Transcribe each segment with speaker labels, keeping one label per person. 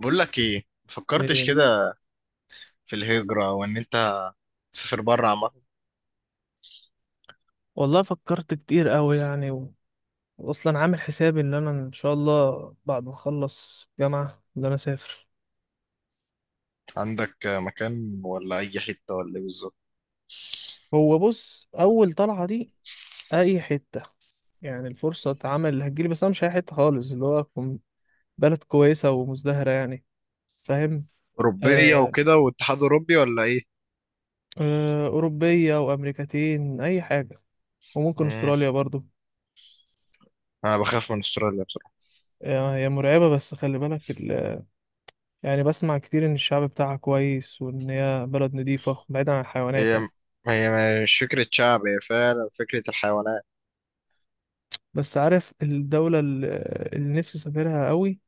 Speaker 1: بقول لك ايه مفكرتش
Speaker 2: إيه،
Speaker 1: كده في الهجرة وان انت تسافر بره عامة؟
Speaker 2: والله فكرت كتير قوي يعني واصلا عامل حسابي ان انا ان شاء الله بعد ما اخلص جامعة ان انا اسافر.
Speaker 1: عندك مكان ولا اي حتة ولا ايه بالظبط؟
Speaker 2: هو بص اول طلعة دي اي حتة، يعني الفرصة عمل اللي هتجيلي، بس انا مش اي حتة خالص، اللي هو أكون بلد كويسة ومزدهرة يعني. فاهم؟
Speaker 1: اوروبية
Speaker 2: آه.
Speaker 1: وكده واتحاد اوروبي ولا ايه؟
Speaker 2: آه اوروبية وامريكتين اي حاجة، وممكن
Speaker 1: مم.
Speaker 2: استراليا برضو.
Speaker 1: انا بخاف من استراليا بصراحة.
Speaker 2: آه، هي مرعبة بس خلي بالك يعني بسمع كتير ان الشعب بتاعها كويس، وان هي بلد نظيفة بعيدا عن الحيوانات يعني.
Speaker 1: هي هي مش فكرة شعب، هي فعلا فكرة الحيوانات.
Speaker 2: بس عارف الدولة اللي اللي نفسي أسافرها قوي؟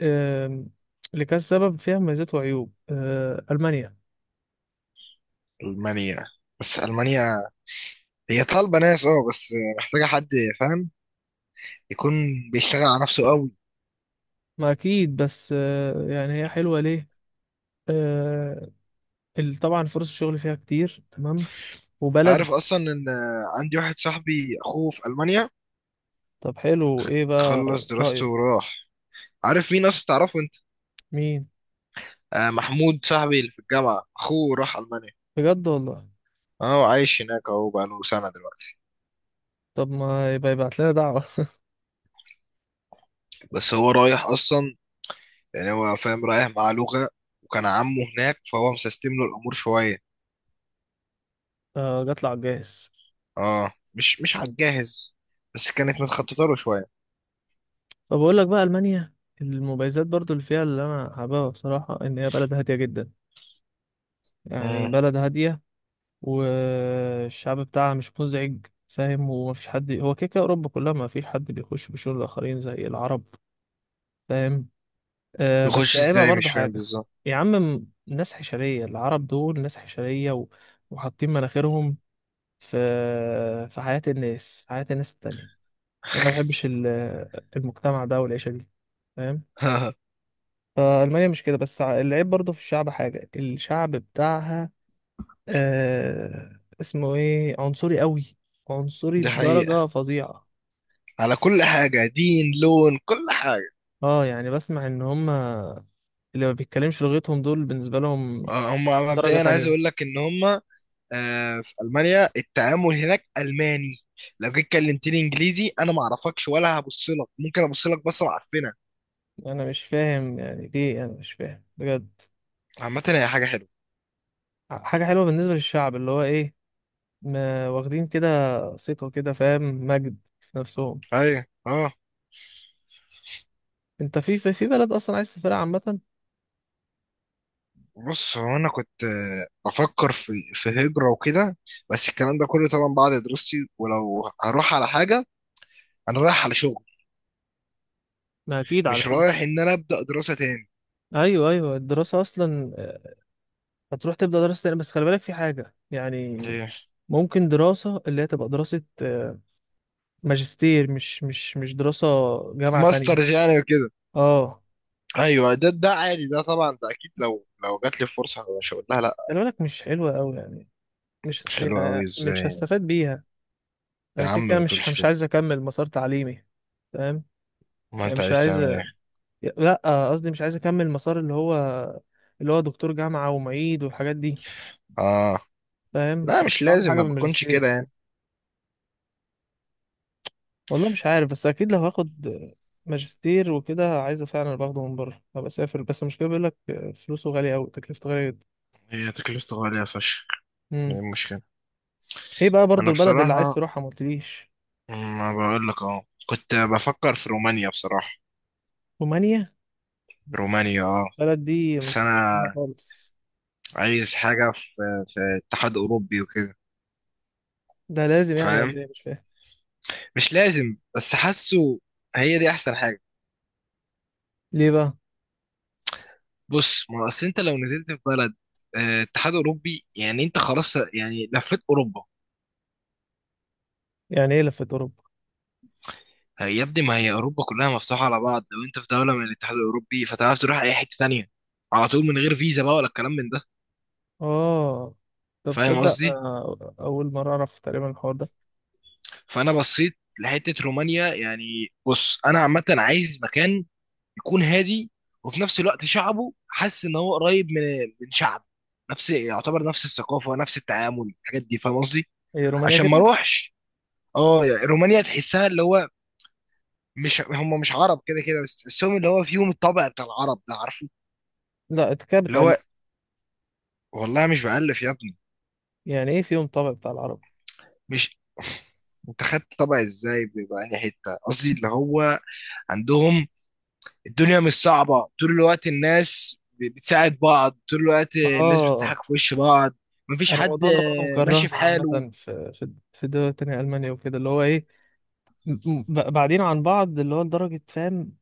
Speaker 2: آم، لكذا سبب فيها مميزات وعيوب، ألمانيا.
Speaker 1: المانيا بس المانيا هي طالبة ناس بس محتاجة حد، فاهم؟ يكون بيشتغل على نفسه قوي.
Speaker 2: ما أكيد، بس يعني هي حلوة ليه. آه، طبعا فرص الشغل فيها كتير، تمام؟
Speaker 1: انت
Speaker 2: وبلد.
Speaker 1: عارف اصلا ان عندي واحد صاحبي اخوه في المانيا،
Speaker 2: طب حلو، إيه بقى
Speaker 1: خلص دراسته
Speaker 2: رأيك؟
Speaker 1: وراح. عارف مين ناس تعرفه؟
Speaker 2: مين؟
Speaker 1: آه، محمود صاحبي اللي في الجامعة أخوه راح ألمانيا.
Speaker 2: بجد والله؟
Speaker 1: أهو عايش هناك، أهو بقاله سنة دلوقتي.
Speaker 2: طب ما يبقى يبعت لنا دعوة.
Speaker 1: بس هو رايح أصلا، يعني هو فاهم، رايح مع لغة، وكان عمه هناك فهو مسستم له الأمور شوية.
Speaker 2: آه، جات على الجاهز.
Speaker 1: أه، مش على الجاهز، بس كانت متخططة له شوية.
Speaker 2: طب أقول لك بقى ألمانيا، المميزات برضو اللي فيها اللي أنا حاببها بصراحة إن هي بلد هادية جدا، يعني
Speaker 1: مم.
Speaker 2: بلد هادية. والشعب بتاعها مش مزعج، فاهم؟ ومفيش حد، هو كده كده أوروبا كلها مفيش حد بيخش بشور الآخرين زي العرب، فاهم؟ آه، بس
Speaker 1: بيخش
Speaker 2: عيبها
Speaker 1: إزاي؟
Speaker 2: برضو
Speaker 1: مش فاهم
Speaker 2: حاجة.
Speaker 1: بالظبط.
Speaker 2: يا عم، ناس حشرية، العرب دول ناس حشرية، و... وحاطين مناخيرهم في في حياة الناس، في حياة الناس التانية. أنا ما بحبش المجتمع ده والعيشة دي، فاهم؟ فألمانيا مش كده، بس العيب برضو في الشعب، حاجة الشعب بتاعها، آه اسمه ايه، عنصري قوي، عنصري
Speaker 1: دي حقيقة،
Speaker 2: بدرجة فظيعة.
Speaker 1: على كل حاجة، دين، لون، كل حاجة.
Speaker 2: اه، يعني بسمع ان هما اللي ما بيتكلمش لغتهم دول بالنسبة لهم
Speaker 1: هم
Speaker 2: درجة
Speaker 1: مبدئيا، عايز
Speaker 2: تانية.
Speaker 1: أقول لك إن هم. في المانيا التعامل هناك الماني، لو جيت كلمتني انجليزي انا ما اعرفكش ولا هبص لك، ممكن ابص لك بصه معفنه.
Speaker 2: انا مش فاهم يعني ليه، انا مش فاهم بجد.
Speaker 1: عامه هي حاجه حلوه.
Speaker 2: حاجة حلوة بالنسبة للشعب اللي هو ايه، ما واخدين كده ثقة كده، فاهم؟ مجد في نفسهم.
Speaker 1: ايوه، اه.
Speaker 2: انت في في في بلد اصلا عايز تسافرها عامة؟
Speaker 1: بص، هو انا كنت بفكر في هجره وكده، بس الكلام ده كله طبعا بعد دراستي، ولو هروح على حاجه انا رايح على شغل،
Speaker 2: ما اكيد
Speaker 1: مش
Speaker 2: علشان.
Speaker 1: رايح ان انا ابدا دراسه تاني.
Speaker 2: ايوه ايوه، الدراسة اصلا هتروح تبدأ دراسة تانية، بس خلي بالك في حاجة يعني.
Speaker 1: ايه؟
Speaker 2: ممكن دراسة اللي هي تبقى دراسة، آه، ماجستير، مش دراسة جامعة تانية.
Speaker 1: ماسترز يعني وكده.
Speaker 2: اه.
Speaker 1: ايوه، ده عادي، ده طبعا، ده اكيد، لو جات لي فرصه مش هقول لها لا.
Speaker 2: خلي بالك مش حلوة أوي يعني، مش
Speaker 1: مش حلوه قوي
Speaker 2: يعني
Speaker 1: ازاي
Speaker 2: مش
Speaker 1: يعني؟
Speaker 2: هستفاد بيها.
Speaker 1: يا
Speaker 2: أنا كده
Speaker 1: عم
Speaker 2: كده
Speaker 1: ما
Speaker 2: مش
Speaker 1: تقولش
Speaker 2: مش
Speaker 1: كده.
Speaker 2: عايز أكمل مسار تعليمي، فاهم؟
Speaker 1: ما
Speaker 2: يعني
Speaker 1: انت
Speaker 2: مش
Speaker 1: عايز
Speaker 2: عايز،
Speaker 1: تعمل ايه؟
Speaker 2: لأ قصدي مش عايز أكمل مسار اللي هو اللي هو دكتور جامعة ومعيد والحاجات دي،
Speaker 1: اه.
Speaker 2: فاهم؟
Speaker 1: لا، مش
Speaker 2: فمش هعمل
Speaker 1: لازم،
Speaker 2: حاجة
Speaker 1: ما بتكونش كده
Speaker 2: بالماجستير.
Speaker 1: يعني.
Speaker 2: والله مش عارف، بس اكيد لو هاخد ماجستير وكده عايزه فعلا باخده من بره، ابقى اسافر، بس المشكله بيقول لك فلوسه غاليه قوي، تكلفته غاليه جدا.
Speaker 1: هي تكلفته غالية فشخ. ايه
Speaker 2: امم
Speaker 1: المشكلة؟
Speaker 2: ايه بقى برضو
Speaker 1: انا
Speaker 2: البلد اللي عايز
Speaker 1: بصراحة،
Speaker 2: تروحها ما قلتليش؟
Speaker 1: ما بقول لك، اه كنت بفكر في رومانيا بصراحة.
Speaker 2: رومانيا؟
Speaker 1: رومانيا، اه.
Speaker 2: البلد دي ما
Speaker 1: بس
Speaker 2: سمعتش
Speaker 1: انا
Speaker 2: عنها خالص.
Speaker 1: عايز حاجة في اتحاد اوروبي وكده.
Speaker 2: ده لازم يعني ولا
Speaker 1: فاهم؟
Speaker 2: ايه، مش فاهم.
Speaker 1: مش لازم، بس حاسه هي دي احسن حاجة.
Speaker 2: ليه بقى؟
Speaker 1: بص، ما اصل انت لو نزلت في بلد اتحاد اوروبي يعني انت خلاص يعني لفيت اوروبا.
Speaker 2: يعني ايه لفة اوروبا؟
Speaker 1: يا ابني، ما هي اوروبا كلها مفتوحه على بعض، لو انت في دوله من الاتحاد الاوروبي فتعرف تروح اي حته تانية على طول من غير فيزا بقى ولا الكلام من ده.
Speaker 2: اه. طب
Speaker 1: فاهم
Speaker 2: تصدق
Speaker 1: قصدي؟
Speaker 2: آه، اول مره اعرف تقريبا الحوار ده.
Speaker 1: فانا بصيت لحته رومانيا يعني. بص، انا عامه عايز مكان يكون هادي، وفي نفس الوقت شعبه حاسس ان هو قريب من شعب، نفس يعتبر نفس الثقافه، نفس التعامل، الحاجات دي، فاهم قصدي؟
Speaker 2: هي رومانيا
Speaker 1: عشان ما
Speaker 2: كده؟
Speaker 1: اروحش. اه يعني رومانيا تحسها اللي هو مش هم، مش عرب كده كده، بس تحسهم اللي هو فيهم الطبع بتاع العرب ده، عارفه؟
Speaker 2: لا كده
Speaker 1: اللي
Speaker 2: بتقل.
Speaker 1: هو، والله مش بألف يا ابني.
Speaker 2: يعني ايه فيهم طابع بتاع العرب؟
Speaker 1: مش انت خدت طبع ازاي بيبقى انهي حته؟ قصدي اللي هو عندهم الدنيا مش صعبه، طول الوقت الناس بتساعد بعض، طول الوقت الناس
Speaker 2: اه.
Speaker 1: بتضحك في وش بعض، مفيش
Speaker 2: انا
Speaker 1: حد
Speaker 2: الموضوع ده برضه
Speaker 1: ماشي في
Speaker 2: مكرهني عامة،
Speaker 1: حاله.
Speaker 2: في في في دول تانية ألمانيا وكده، اللي هو ايه، بعدين عن بعض اللي هو لدرجة، فاهم؟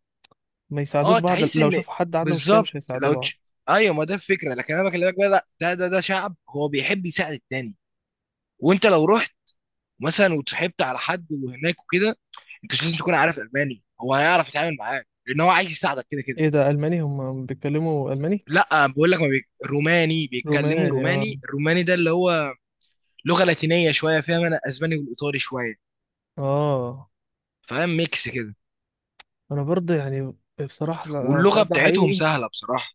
Speaker 2: ما يساعدوش
Speaker 1: اه.
Speaker 2: بعض،
Speaker 1: تحس
Speaker 2: لو
Speaker 1: ان
Speaker 2: شافوا حد عنده مشكلة
Speaker 1: بالظبط.
Speaker 2: مش هيساعدوه
Speaker 1: لو
Speaker 2: بعض.
Speaker 1: ايوه، ما ده الفكره، لكن انا بكلمك بقى لا، ده شعب هو بيحب يساعد التاني. وانت لو رحت مثلا وتصاحبت على حد وهناك وكده، انت مش لازم تكون عارف الماني، هو هيعرف يتعامل معاك لان هو عايز يساعدك كده كده.
Speaker 2: ايه ده ألماني، هم بيتكلموا ألماني؟
Speaker 1: لا، بقول لك، ما بي... روماني بيتكلموا
Speaker 2: روماني، اه.
Speaker 1: روماني، الروماني ده اللي هو لغه لاتينيه شويه، فيها من الاسباني والايطالي شويه.
Speaker 2: اه،
Speaker 1: فاهم؟ ميكس كده.
Speaker 2: انا برضه يعني بصراحة لو لو
Speaker 1: واللغه
Speaker 2: الحوار ده
Speaker 1: بتاعتهم
Speaker 2: حقيقي،
Speaker 1: سهله بصراحه.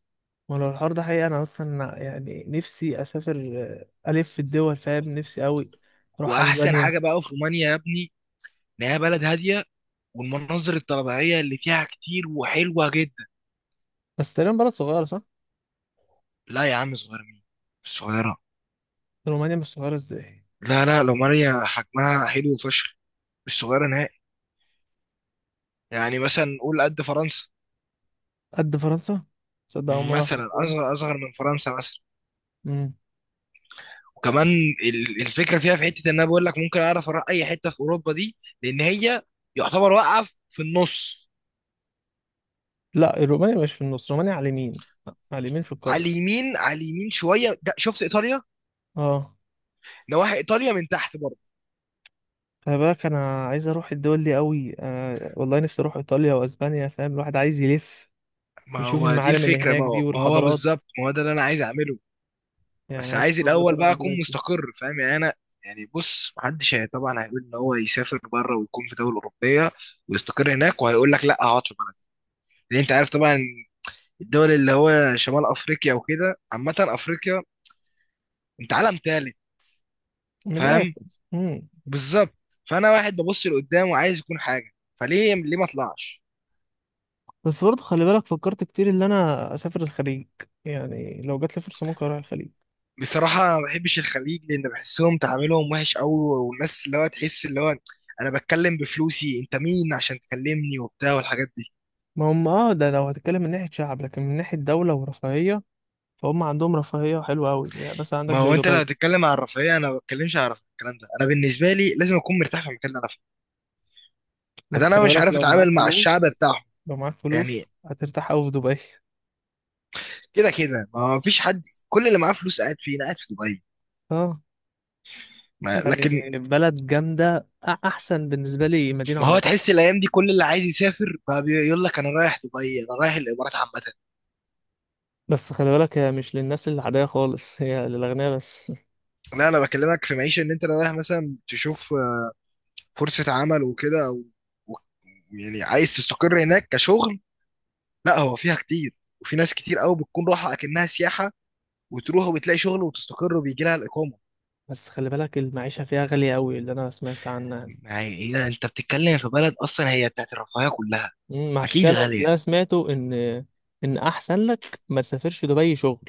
Speaker 2: ولو الحوار ده حقيقي انا اصلا يعني نفسي اسافر. آه، الف في الدول، فاهم؟ نفسي قوي اروح
Speaker 1: واحسن حاجه
Speaker 2: اسبانيا.
Speaker 1: بقى في رومانيا يا ابني ان هي بلد هاديه، والمناظر الطبيعيه اللي فيها كتير وحلوه جدا.
Speaker 2: بس تقريبا بلد صغيرة، صح؟
Speaker 1: لا يا عم، صغير مين؟ الصغيره.
Speaker 2: رومانيا مش صغيرة ازاي؟
Speaker 1: لا لا، رومانيا حجمها حلو فشخ، مش صغيره نهائي. يعني مثلا قول قد فرنسا.
Speaker 2: قد فرنسا؟ تصدق أول مرة أعرف.
Speaker 1: مثلا اصغر من فرنسا مثلا.
Speaker 2: مم.
Speaker 1: وكمان الفكره فيها في حته ان انا بقول لك ممكن اعرف اروح اي حته في اوروبا دي، لان هي يعتبر واقعه في النص.
Speaker 2: لا الرومانيا مش في النص، رومانيا على اليمين، على اليمين في
Speaker 1: على
Speaker 2: القارة.
Speaker 1: اليمين، على اليمين شويه، ده شفت ايطاليا؟
Speaker 2: اه.
Speaker 1: نواحي ايطاليا من تحت برضه.
Speaker 2: خلي بالك انا عايز اروح الدول دي قوي. آه والله نفسي اروح ايطاليا واسبانيا، فاهم؟ الواحد عايز يلف
Speaker 1: ما
Speaker 2: ويشوف
Speaker 1: هو دي
Speaker 2: المعالم اللي
Speaker 1: الفكره،
Speaker 2: هناك
Speaker 1: ما
Speaker 2: دي
Speaker 1: هو, ما هو
Speaker 2: والحضارات.
Speaker 1: بالظبط، ما هو ده اللي انا عايز اعمله. بس
Speaker 2: يعني نفسي
Speaker 1: عايز
Speaker 2: أوي بجد
Speaker 1: الاول
Speaker 2: اروح
Speaker 1: بقى اكون
Speaker 2: البلاد دي.
Speaker 1: مستقر، فاهم يعني؟ انا يعني بص، محدش هي طبعا هيقول ان هو يسافر بره ويكون في دوله اوروبيه ويستقر هناك، وهيقول لك لا اقعد في بلدي، لان انت عارف طبعا الدول اللي هو شمال افريقيا وكده عامه افريقيا انت عالم تالت،
Speaker 2: من
Speaker 1: فاهم؟
Speaker 2: الاخر. مم.
Speaker 1: بالظبط. فانا واحد ببص لقدام وعايز يكون حاجه، فليه ليه ما اطلعش؟
Speaker 2: بس برضه خلي بالك فكرت كتير ان انا اسافر الخليج، يعني لو جات لي فرصة ممكن اروح الخليج.
Speaker 1: بصراحه، أنا ما بحبش الخليج لان بحسهم تعاملهم وحش قوي، والناس اللي هو تحس اللي هو انا بتكلم بفلوسي، انت مين عشان تكلمني وبتاع والحاجات دي.
Speaker 2: ما هم اه، ده لو هتتكلم من ناحية شعب، لكن من ناحية دولة ورفاهية فهم عندهم رفاهية حلوة قوي يعني، بس عندك
Speaker 1: ما
Speaker 2: زي
Speaker 1: هو انت لو
Speaker 2: دبي.
Speaker 1: هتتكلم عن الرفاهيه، انا ما بتكلمش عن الرفاهية، الكلام ده، انا بالنسبه لي لازم اكون مرتاح في المكان اللي انا فيه.
Speaker 2: ما
Speaker 1: بس
Speaker 2: انت
Speaker 1: انا
Speaker 2: خلي
Speaker 1: مش
Speaker 2: بالك
Speaker 1: عارف
Speaker 2: لو معاك
Speaker 1: اتعامل مع الشعب
Speaker 2: فلوس،
Speaker 1: بتاعهم.
Speaker 2: لو معاك فلوس
Speaker 1: يعني
Speaker 2: هترتاح قوي في دبي.
Speaker 1: كده كده ما فيش حد، كل اللي معاه فلوس قاعد فين؟ قاعد في دبي.
Speaker 2: اه،
Speaker 1: ما لكن.
Speaker 2: يعني بلد جامدة، أحسن بالنسبة لي مدينة
Speaker 1: ما هو
Speaker 2: عربية.
Speaker 1: تحس الايام دي كل اللي عايز يسافر بقى بيقول لك انا رايح دبي، انا رايح الامارات عامه.
Speaker 2: بس خلي بالك هي مش للناس العادية خالص، هي للأغنياء بس.
Speaker 1: لا، انا بكلمك في معيشه ان انت رايح مثلا تشوف فرصه عمل وكده، أو و- يعني عايز تستقر هناك كشغل. لا، هو فيها كتير، وفي ناس كتير قوي بتكون راحه اكنها سياحه، وتروح وبتلاقي شغل وتستقر وبيجي لها الاقامه.
Speaker 2: بس خلي بالك المعيشة فيها غالية قوي اللي أنا سمعت عنها.
Speaker 1: ما هي إيه، انت بتتكلم في بلد اصلا هي بتاعت الرفاهيه كلها،
Speaker 2: عشان
Speaker 1: اكيد
Speaker 2: كده
Speaker 1: غاليه.
Speaker 2: اللي أنا سمعته إن، إن أحسن لك ما تسافرش دبي شغل،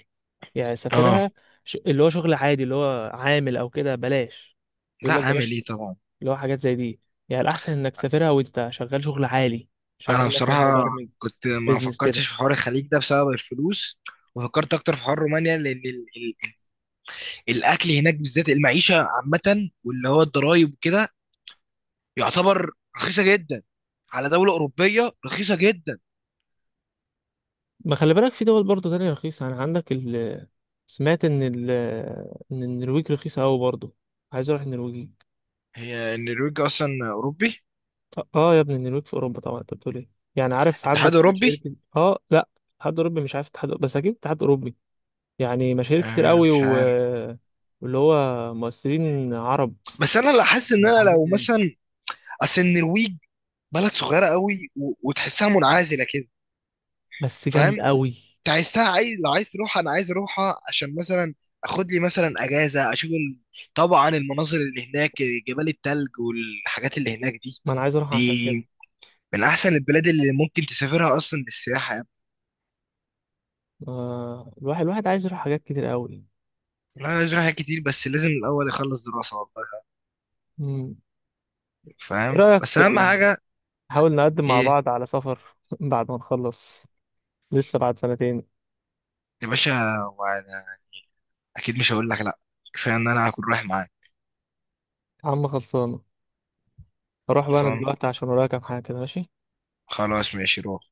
Speaker 2: يعني
Speaker 1: اه.
Speaker 2: سافرها اللي هو شغل عادي اللي هو عامل أو كده بلاش،
Speaker 1: لا،
Speaker 2: يقول لك
Speaker 1: عامل
Speaker 2: بلاش
Speaker 1: ايه طبعا.
Speaker 2: اللي هو حاجات زي دي. يعني الأحسن إنك تسافرها وأنت شغال شغل عالي،
Speaker 1: انا
Speaker 2: شغال مثلا
Speaker 1: بصراحه،
Speaker 2: مبرمج،
Speaker 1: كنت ما
Speaker 2: بيزنس كده.
Speaker 1: فكرتش في حوار الخليج ده بسبب الفلوس، وفكرت اكتر في حوار رومانيا لان ال ال الاكل هناك بالذات، المعيشه عامه واللي هو الضرايب وكده يعتبر رخيصه جدا، على دوله اوروبيه رخيصه جدا.
Speaker 2: ما خلي بالك في دول برضه تانية رخيصة، يعني عندك ال، سمعت إن ال، إن النرويج رخيصة أوي برضه. عايز أروح النرويج.
Speaker 1: هي النرويج اصلا اوروبي؟
Speaker 2: آه يا ابني النرويج في أوروبا طبعا، أنت بتقول إيه؟ يعني عارف
Speaker 1: اتحاد
Speaker 2: عندك مشاهير
Speaker 1: اوروبي.
Speaker 2: كده، آه لأ، اتحاد أوروبي، مش عارف اتحاد، بس أكيد اتحاد أوروبي. يعني مشاهير كتير
Speaker 1: آه،
Speaker 2: أوي
Speaker 1: مش
Speaker 2: و...
Speaker 1: عارف.
Speaker 2: واللي هو مؤثرين عرب
Speaker 1: بس انا لا، حاسس ان انا
Speaker 2: قاعدين
Speaker 1: لو
Speaker 2: هناك.
Speaker 1: مثلا اصل النرويج بلد صغيره قوي وتحسها منعزله كده،
Speaker 2: بس
Speaker 1: فاهم؟
Speaker 2: جامدة
Speaker 1: انت
Speaker 2: أوي.
Speaker 1: عايزها، عايز لو عايز تروحها انا عايز اروحها عشان مثلا اخد لي مثلا اجازه اشوف طبعا المناظر اللي هناك، جبال التلج والحاجات اللي هناك دي.
Speaker 2: ما أنا عايز أروح عشان كده.
Speaker 1: دي من احسن البلاد اللي ممكن تسافرها اصلا للسياحه يعني.
Speaker 2: آه، الواحد عايز يروح حاجات كتير قوي.
Speaker 1: لا، انا عايز أروح حاجات كتير، بس لازم الاول اخلص دراسه والله.
Speaker 2: مم.
Speaker 1: يعني،
Speaker 2: ايه
Speaker 1: فاهم؟
Speaker 2: رأيك
Speaker 1: بس اهم
Speaker 2: آه،
Speaker 1: حاجه.
Speaker 2: نحاول نقدم مع
Speaker 1: ايه؟
Speaker 2: بعض على سفر بعد ما نخلص؟ لسه بعد سنتين.
Speaker 1: يا باشا، وأنا اكيد مش هقول لك لا، كفايه ان انا هكون رايح معاك.
Speaker 2: يا عم خلصانة. اروح بقى انا
Speaker 1: خلصان.
Speaker 2: دلوقتي عشان ورايا كام حاجة كده، ماشي؟
Speaker 1: خلاص، ماشي، روح.